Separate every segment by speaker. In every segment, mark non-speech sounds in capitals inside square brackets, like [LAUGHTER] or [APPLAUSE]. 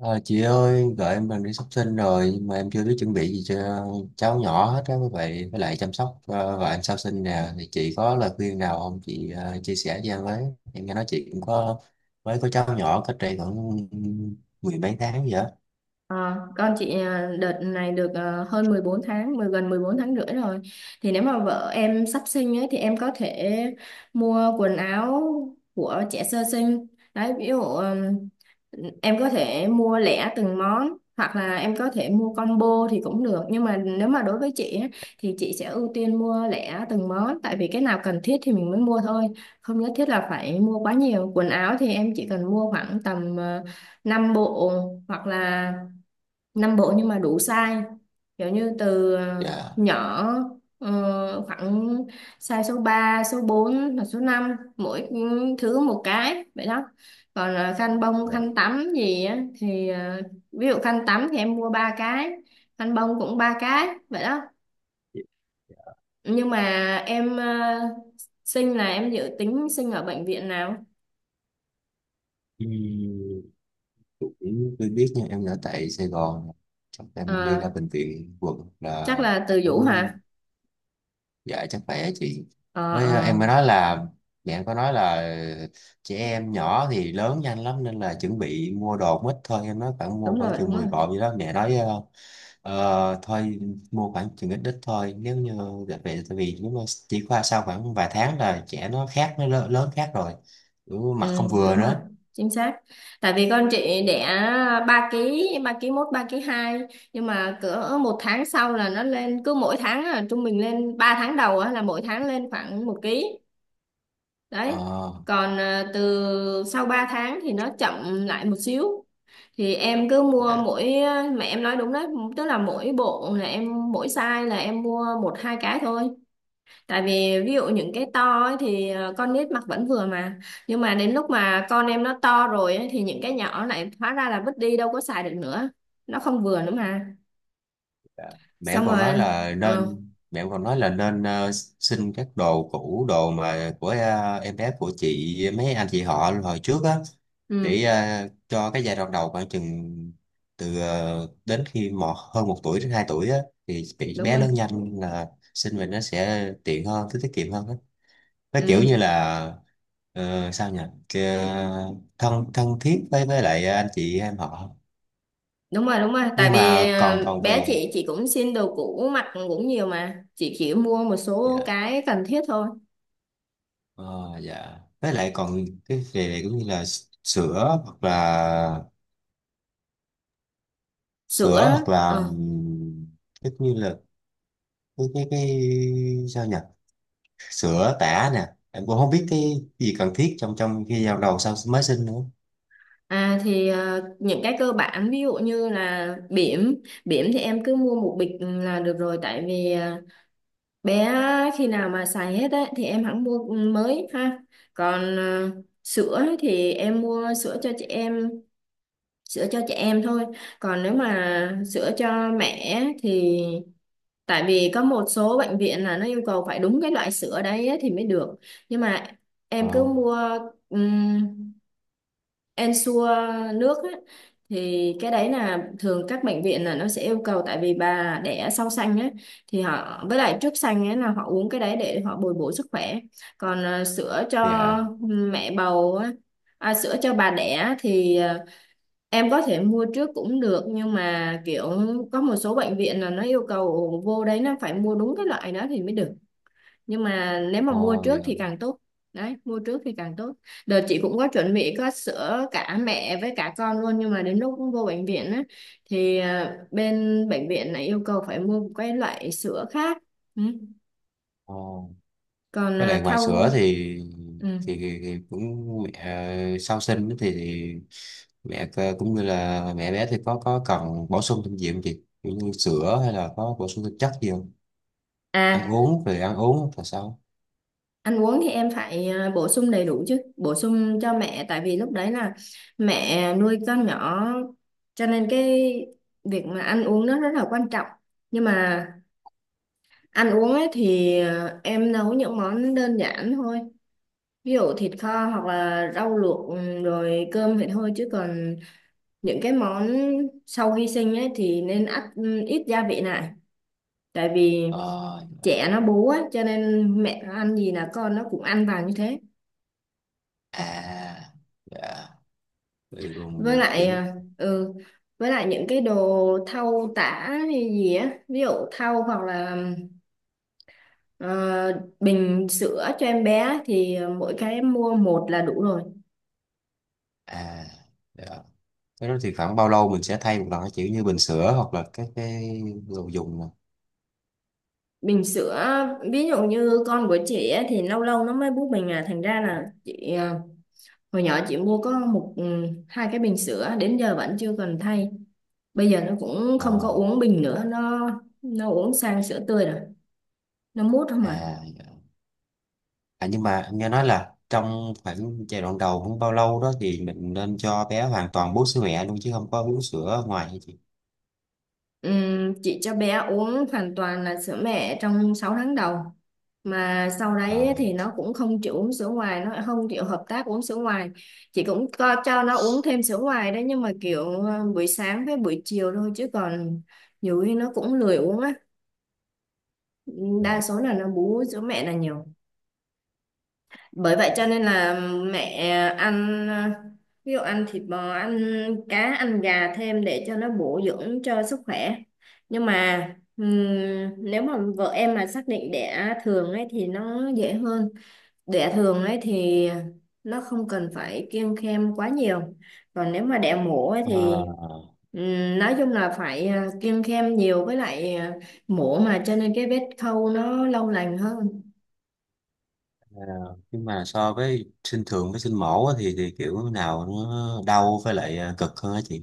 Speaker 1: Ờ, chị ơi, vợ em gần đi sắp sinh rồi nhưng mà em chưa biết chuẩn bị gì cho cháu nhỏ hết á, với lại chăm sóc vợ em sau sinh nè thì chị có lời khuyên nào không chị, chia sẻ cho em với. Em nghe nói chị cũng mới có cháu nhỏ cách đây khoảng mười mấy tháng vậy á.
Speaker 2: Ờ, con chị à, đợt này được hơn 14 tháng, gần 14 tháng rưỡi rồi. Thì nếu mà vợ em sắp sinh ấy, thì em có thể mua quần áo của trẻ sơ sinh. Đấy, ví dụ em có thể mua lẻ từng món hoặc là em có thể mua combo thì cũng được. Nhưng mà nếu mà đối với chị ấy, thì chị sẽ ưu tiên mua lẻ từng món, tại vì cái nào cần thiết thì mình mới mua thôi. Không nhất thiết là phải mua quá nhiều. Quần áo thì em chỉ cần mua khoảng tầm 5 bộ hoặc là năm bộ, nhưng mà đủ size, kiểu như từ
Speaker 1: Dạ,
Speaker 2: nhỏ, khoảng size số 3, số 4 hoặc số năm, mỗi thứ một cái vậy đó. Còn khăn bông
Speaker 1: Dạ,
Speaker 2: khăn tắm gì á thì ví dụ khăn tắm thì em mua 3 cái, khăn bông cũng 3 cái vậy đó.
Speaker 1: dạ, dạ.
Speaker 2: Nhưng mà em sinh là em dự tính sinh ở bệnh viện nào?
Speaker 1: Ừ, cũng tôi biết nha, em ở tại Sài Gòn, chắc em đi
Speaker 2: Ờ,
Speaker 1: ra bệnh viện quận là
Speaker 2: chắc là từ
Speaker 1: ở,
Speaker 2: Vũ hả?
Speaker 1: dạ, chắc bé chị.
Speaker 2: Ờ
Speaker 1: Với
Speaker 2: ờ.
Speaker 1: em mới nói là mẹ em có nói là trẻ em nhỏ thì lớn nhanh lắm, nên là chuẩn bị mua đồ cũng ít thôi, em nói mua
Speaker 2: Đúng
Speaker 1: khoảng
Speaker 2: rồi đúng
Speaker 1: chừng 10
Speaker 2: rồi.
Speaker 1: cọng gì đó, mẹ nói. Ờ, Thôi, mua khoảng chừng ít ít thôi, nếu như về, tại vì nếu mà chỉ qua sau khoảng vài tháng là trẻ nó khác, nó lớn khác rồi. Ừ, mặt
Speaker 2: Ừ,
Speaker 1: không vừa
Speaker 2: đúng rồi,
Speaker 1: nữa.
Speaker 2: chính xác. Tại vì con chị đẻ 3 ký, 3 ký mốt, 3 ký hai, nhưng mà cỡ 1 tháng sau là nó lên, cứ mỗi tháng là trung bình lên. 3 tháng đầu á, là mỗi tháng lên khoảng 1 ký. Đấy.
Speaker 1: ờ,
Speaker 2: Còn từ sau 3 tháng thì nó chậm lại một xíu. Thì em cứ mua
Speaker 1: dạ.
Speaker 2: mỗi, mà em nói đúng đấy, tức là mỗi bộ là em, mỗi size là em mua một hai cái thôi. Tại vì ví dụ những cái to ấy thì con nít mặc vẫn vừa mà. Nhưng mà đến lúc mà con em nó to rồi ấy, thì những cái nhỏ lại hóa ra là vứt đi, đâu có xài được nữa, nó không vừa nữa mà.
Speaker 1: Dạ.
Speaker 2: Xong rồi. ờ,
Speaker 1: Mẹ em còn nói là nên xin các đồ cũ, đồ mà của em bé của chị mấy anh chị họ hồi trước á,
Speaker 2: ừ,
Speaker 1: để cho cái giai đoạn đầu khoảng chừng từ đến khi hơn một tuổi đến hai tuổi á, thì bị
Speaker 2: Đúng
Speaker 1: bé
Speaker 2: rồi.
Speaker 1: lớn nhanh là xin về nó sẽ tiện hơn, tiết tiết kiệm hơn á. Nó kiểu như
Speaker 2: ừ,
Speaker 1: là sao nhỉ, Kì- thân thân thiết với lại anh chị em họ.
Speaker 2: Đúng rồi đúng rồi. Tại
Speaker 1: Nhưng
Speaker 2: vì
Speaker 1: mà còn còn
Speaker 2: bé
Speaker 1: về.
Speaker 2: chị cũng xin đồ cũ mặc cũng nhiều mà. Chị chỉ mua một số
Speaker 1: Dạ.
Speaker 2: cái cần thiết thôi.
Speaker 1: Ờ, dạ, với lại còn cái về này cũng như là sữa hoặc là, sữa
Speaker 2: Sữa.
Speaker 1: hoặc là
Speaker 2: ờ,
Speaker 1: ừm, cái như là, cái sao nhỉ, sữa tã nè em cũng không
Speaker 2: ừ.
Speaker 1: biết cái gì cần thiết trong trong khi giao đầu sau mới sinh nữa.
Speaker 2: À thì những cái cơ bản, ví dụ như là bỉm. Bỉm thì em cứ mua một bịch là được rồi, tại vì bé á, khi nào mà xài hết ấy, thì em hẳn mua mới ha. Còn sữa ấy thì em mua sữa cho chị em thôi. Còn nếu mà sữa cho mẹ ấy, thì tại vì có một số bệnh viện là nó yêu cầu phải đúng cái loại sữa đấy ấy thì mới được, nhưng mà
Speaker 1: ờ
Speaker 2: em cứ mua Ensure nước á, thì cái đấy là thường các bệnh viện là nó sẽ yêu cầu. Tại vì bà đẻ sau sanh á, thì họ, với lại trước sanh ấy là họ uống cái đấy để họ bồi bổ sức khỏe. Còn sữa cho
Speaker 1: dạ.
Speaker 2: mẹ bầu á, à, sữa cho bà đẻ thì em có thể mua trước cũng được, nhưng mà kiểu có một số bệnh viện là nó yêu cầu vô đấy nó phải mua đúng cái loại đó thì mới được. Nhưng mà nếu mà
Speaker 1: ờ
Speaker 2: mua
Speaker 1: dạ.
Speaker 2: trước thì càng tốt. Đấy, mua trước thì càng tốt. Đợt chị cũng có chuẩn bị có sữa cả mẹ với cả con luôn, nhưng mà đến lúc vô bệnh viện á thì bên bệnh viện này yêu cầu phải mua một cái loại sữa khác. Ừ.
Speaker 1: ờ
Speaker 2: Còn
Speaker 1: với lại ngoài sữa thì,
Speaker 2: thau. Ừ.
Speaker 1: thì cũng, mẹ, sau sinh thì mẹ cũng như là mẹ bé thì có cần bổ sung thêm gì không chị? Kiểu như sữa hay là có bổ sung thêm chất gì không, ăn
Speaker 2: À,
Speaker 1: uống về ăn uống là sao?
Speaker 2: ăn uống thì em phải bổ sung đầy đủ chứ, bổ sung cho mẹ, tại vì lúc đấy là mẹ nuôi con nhỏ, cho nên cái việc mà ăn uống nó rất là quan trọng. Nhưng mà ăn uống ấy thì em nấu những món đơn giản thôi. Ví dụ thịt kho hoặc là rau luộc, rồi cơm vậy thôi, chứ còn những cái món sau khi sinh ấy thì nên ăn ít gia vị lại. Tại vì
Speaker 1: ờ
Speaker 2: trẻ nó bú ấy, cho nên mẹ nó ăn gì là con nó cũng ăn vào như thế.
Speaker 1: À, dạ. Vậy
Speaker 2: Với
Speaker 1: còn
Speaker 2: lại
Speaker 1: kiểu,
Speaker 2: ừ với lại những cái đồ thau tả hay gì á, ví dụ thau hoặc là ờ, bình sữa cho em bé thì mỗi cái em mua một là đủ rồi.
Speaker 1: à, dạ. Cái đó thì khoảng bao lâu mình sẽ thay một lần, cái kiểu như bình sữa hoặc là các cái đồ dùng nè?
Speaker 2: Bình sữa, ví dụ như con của chị á, thì lâu lâu nó mới bú bình à, thành ra là chị hồi nhỏ chị mua có một, hai cái bình sữa đến giờ vẫn chưa cần thay. Bây giờ nó cũng không có
Speaker 1: ờ
Speaker 2: uống bình nữa, nó uống sang sữa tươi rồi, nó mút không à.
Speaker 1: À, dạ. À nhưng mà anh nghe nói là trong khoảng giai đoạn đầu không bao lâu đó thì mình nên cho bé hoàn toàn bú sữa mẹ luôn chứ không có uống sữa ngoài hả chị?
Speaker 2: Chị cho bé uống hoàn toàn là sữa mẹ trong 6 tháng đầu, mà sau đấy
Speaker 1: À,
Speaker 2: thì nó cũng không chịu uống sữa ngoài, nó không chịu hợp tác uống sữa ngoài. Chị cũng co cho nó uống thêm sữa ngoài đấy, nhưng mà kiểu buổi sáng với buổi chiều thôi, chứ còn nhiều khi nó cũng lười uống á. Đa số là nó bú sữa mẹ là nhiều, bởi vậy cho nên là mẹ ăn ví dụ ăn thịt bò, ăn cá, ăn gà thêm để cho nó bổ dưỡng cho sức khỏe. Nhưng mà ừm, nếu mà vợ em mà xác định đẻ thường ấy thì nó dễ hơn. Đẻ thường ấy thì nó không cần phải kiêng khem quá nhiều. Còn nếu mà đẻ mổ ấy
Speaker 1: à,
Speaker 2: thì
Speaker 1: à.
Speaker 2: nói chung là phải kiêng khem nhiều, với lại mổ mà, cho nên cái vết khâu nó lâu lành hơn.
Speaker 1: Ờ, nhưng mà so với sinh thường với sinh mổ á, thì kiểu nào nó đau với lại, cực hơn á chị?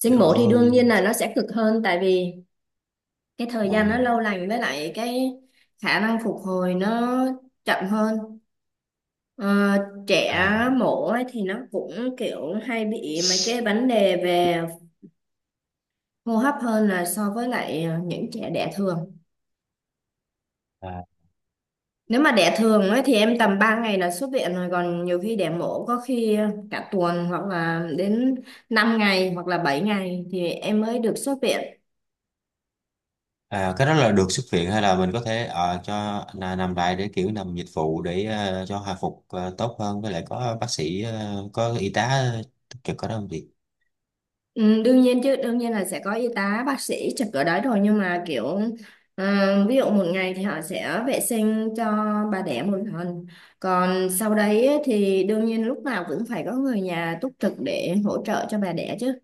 Speaker 2: Sinh
Speaker 1: Kiểu,
Speaker 2: mổ thì đương nhiên là nó sẽ cực hơn, tại vì cái thời gian nó
Speaker 1: ừ,
Speaker 2: lâu lành, với lại cái khả năng phục hồi nó chậm hơn. Ờ, trẻ
Speaker 1: à,
Speaker 2: mổ ấy thì nó cũng kiểu hay bị mấy cái vấn đề về hô hấp hơn là so với lại những trẻ đẻ thường.
Speaker 1: à,
Speaker 2: Nếu mà đẻ thường ấy thì em tầm 3 ngày là xuất viện rồi, còn nhiều khi đẻ mổ có khi cả tuần, hoặc là đến 5 ngày hoặc là 7 ngày thì em mới được xuất viện.
Speaker 1: à. Cái đó là được xuất viện hay là mình có thể cho là nằm lại, để kiểu nằm dịch vụ để cho hồi phục tốt hơn, với lại có bác sĩ, có y tá túc trực có đó không chị?
Speaker 2: Ừ, đương nhiên chứ, đương nhiên là sẽ có y tá bác sĩ trực ở đấy rồi, nhưng mà kiểu ờ, ví dụ 1 ngày thì họ sẽ vệ sinh cho bà đẻ 1 lần. Còn sau đấy ấy thì đương nhiên lúc nào cũng phải có người nhà túc trực để hỗ trợ cho bà đẻ chứ.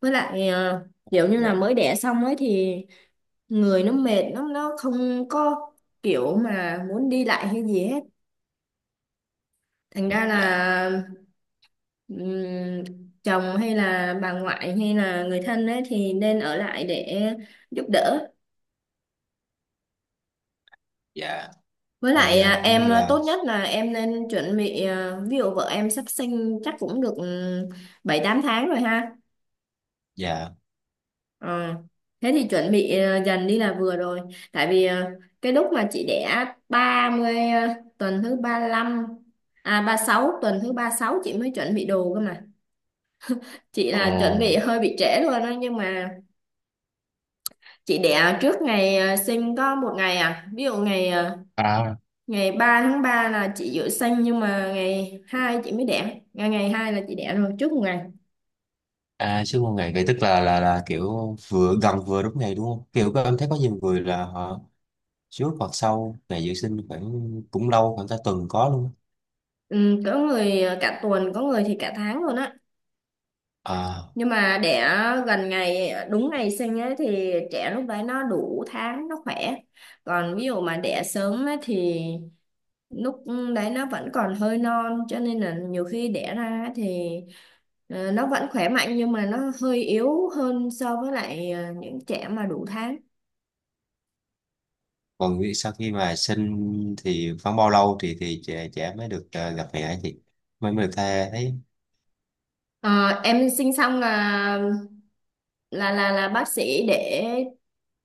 Speaker 2: Với lại
Speaker 1: À,
Speaker 2: kiểu như là
Speaker 1: dạ.
Speaker 2: mới đẻ xong ấy thì người nó mệt, nó không có kiểu mà muốn đi lại hay gì hết, thành
Speaker 1: Ừ,
Speaker 2: ra
Speaker 1: dạ,
Speaker 2: là Ừm, chồng hay là bà ngoại hay là người thân ấy thì nên ở lại để giúp đỡ.
Speaker 1: dạ.
Speaker 2: Với
Speaker 1: Đây,
Speaker 2: lại
Speaker 1: cũng như
Speaker 2: em
Speaker 1: là,
Speaker 2: tốt nhất là em nên chuẩn bị, ví dụ vợ em sắp sinh chắc cũng được 7 8 tháng rồi ha.
Speaker 1: dạ.
Speaker 2: Ờ, thế thì chuẩn bị dần đi là vừa rồi. Tại vì cái lúc mà chị đẻ 30 tuần thứ 35, à, 36, tuần thứ 36 chị mới chuẩn bị đồ cơ mà. Chị
Speaker 1: Ờ.
Speaker 2: là chuẩn bị hơi bị trễ luôn đó, nhưng mà chị đẻ trước ngày sinh có 1 ngày à. Ví dụ ngày
Speaker 1: à,
Speaker 2: ngày 3 tháng 3 là chị dự sinh, nhưng mà ngày 2 chị mới đẻ. Ngày ngày 2 là chị đẻ rồi, trước 1 ngày.
Speaker 1: À, sư phụ ngày vậy tức là kiểu vừa gần vừa đúng ngày đúng không? Kiểu các em thấy có nhiều người là họ trước hoặc sau ngày dự sinh khoảng cũng lâu, khoảng cả tuần có luôn.
Speaker 2: Ừ, có người cả tuần, có người thì cả tháng luôn á.
Speaker 1: Á. À,
Speaker 2: Nhưng mà đẻ gần ngày, đúng ngày sinh ấy thì trẻ lúc đấy nó đủ tháng, nó khỏe. Còn ví dụ mà đẻ sớm ấy thì lúc đấy nó vẫn còn hơi non, cho nên là nhiều khi đẻ ra thì nó vẫn khỏe mạnh nhưng mà nó hơi yếu hơn so với lại những trẻ mà đủ tháng.
Speaker 1: còn nghĩ sau khi mà sinh thì khoảng bao lâu thì trẻ trẻ mới được gặp mẹ thì mới mới được tha thấy?
Speaker 2: Ờ, em sinh xong là là bác sĩ để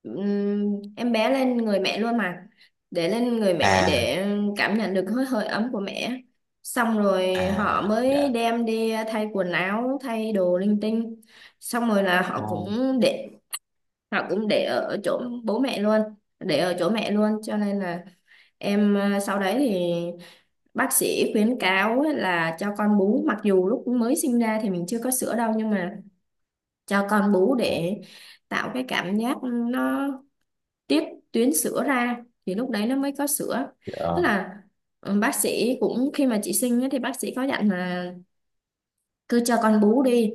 Speaker 2: ừm, em bé lên người mẹ luôn mà, để lên người mẹ
Speaker 1: À.
Speaker 2: để cảm nhận được hơi hơi ấm của mẹ. Xong rồi họ
Speaker 1: À, dạ.
Speaker 2: mới đem đi thay quần áo, thay đồ linh tinh. Xong rồi là họ
Speaker 1: Ô.
Speaker 2: cũng để Thảo, cũng để ở chỗ bố mẹ luôn, để ở chỗ mẹ luôn, cho nên là em sau đấy thì bác sĩ khuyến cáo ấy là cho con bú, mặc dù lúc mới sinh ra thì mình chưa có sữa đâu, nhưng mà cho con bú
Speaker 1: Ô,
Speaker 2: để tạo cái cảm giác, nó tiết tuyến sữa ra, thì lúc đấy nó mới có sữa. Tức
Speaker 1: dạ.
Speaker 2: là ừ, bác sĩ cũng, khi mà chị sinh ấy, thì bác sĩ có dặn là cứ cho con bú đi,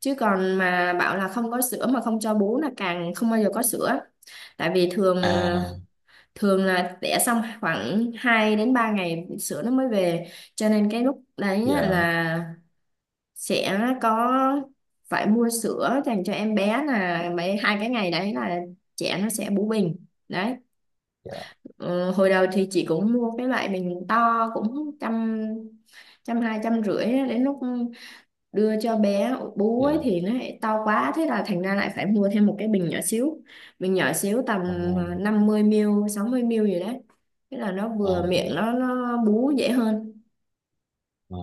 Speaker 2: chứ còn mà bảo là không có sữa mà không cho bú là càng không bao giờ có sữa. Tại vì thường ờ,
Speaker 1: À,
Speaker 2: thường là đẻ xong khoảng 2 đến 3 ngày sữa nó mới về, cho nên cái lúc đấy á
Speaker 1: dạ,
Speaker 2: là sẽ có, phải mua sữa dành cho em bé, là mấy hai cái ngày đấy là trẻ nó sẽ bú bình. Đấy.
Speaker 1: dạ,
Speaker 2: Ờ, hồi đầu thì chị cũng mua cái loại bình to cũng trăm, trăm hai, trăm rưỡi á, đến lúc đưa cho bé bú ấy
Speaker 1: dạ.
Speaker 2: thì nó lại to quá, thế là thành ra lại phải mua thêm một cái bình nhỏ xíu. Tầm
Speaker 1: Ô,
Speaker 2: ờ, 50 ml 60 ml gì đấy, thế là nó vừa
Speaker 1: ô,
Speaker 2: miệng, nó bú dễ hơn.
Speaker 1: dạ,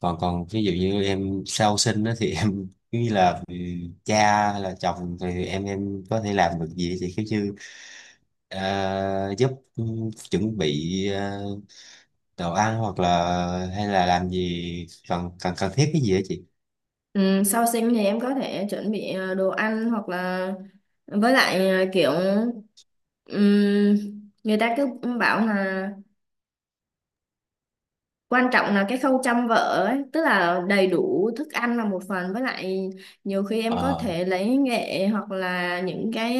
Speaker 1: còn còn ví dụ như em sau sinh đó thì [LAUGHS] em cứ như là, cha hay là chồng thì em có thể làm được gì thì cứ như giúp, chuẩn bị đồ ăn hoặc là hay là làm gì cần cần cần thiết cái gì đó chị?
Speaker 2: Ừ, sau sinh thì em có thể chuẩn bị đồ ăn hoặc là, với lại kiểu ừm, người ta cứ bảo là quan trọng là cái khâu chăm vợ ấy, tức là đầy đủ thức ăn là một phần, với lại nhiều khi em có
Speaker 1: ờ
Speaker 2: thể lấy nghệ hoặc là những cái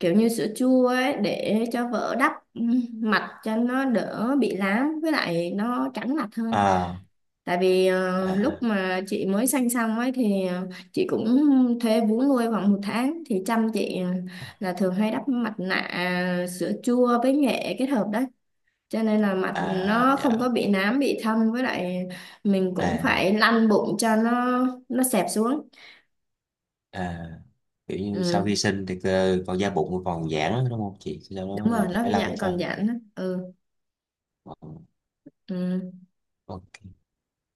Speaker 2: kiểu như sữa chua ấy để cho vỡ đắp mặt, cho nó đỡ bị lám, với lại nó trắng mặt hơn.
Speaker 1: À,
Speaker 2: Tại vì lúc
Speaker 1: à,
Speaker 2: mà chị mới sanh xong ấy thì chị cũng thuê vú nuôi khoảng 1 tháng thì chăm chị, là thường hay đắp mặt nạ sữa chua với nghệ kết hợp đấy, cho nên là mặt
Speaker 1: à,
Speaker 2: nó
Speaker 1: dạ,
Speaker 2: không có bị nám bị thâm. Với lại mình cũng
Speaker 1: à,
Speaker 2: phải lăn bụng cho nó xẹp xuống.
Speaker 1: à, kiểu như sau khi
Speaker 2: Ừ,
Speaker 1: sinh thì còn da bụng còn giãn đúng không chị, sau đó
Speaker 2: đúng
Speaker 1: mình
Speaker 2: rồi, nó
Speaker 1: phải
Speaker 2: cũng
Speaker 1: làm
Speaker 2: dạng
Speaker 1: cho,
Speaker 2: còn giãn đó. Ừ.
Speaker 1: ờ
Speaker 2: Ừ.
Speaker 1: ok.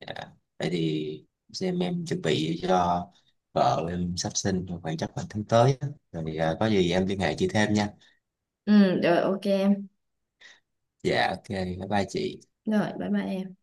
Speaker 1: Dạ. Thế thì, xem em chuẩn bị cho vợ em sắp sinh rồi, khoảng chắc là tháng tới á, rồi có gì em liên hệ chị thêm nha.
Speaker 2: Ừ rồi ok.
Speaker 1: Dạ, ok, bye bye chị.
Speaker 2: Rồi, bye bye em.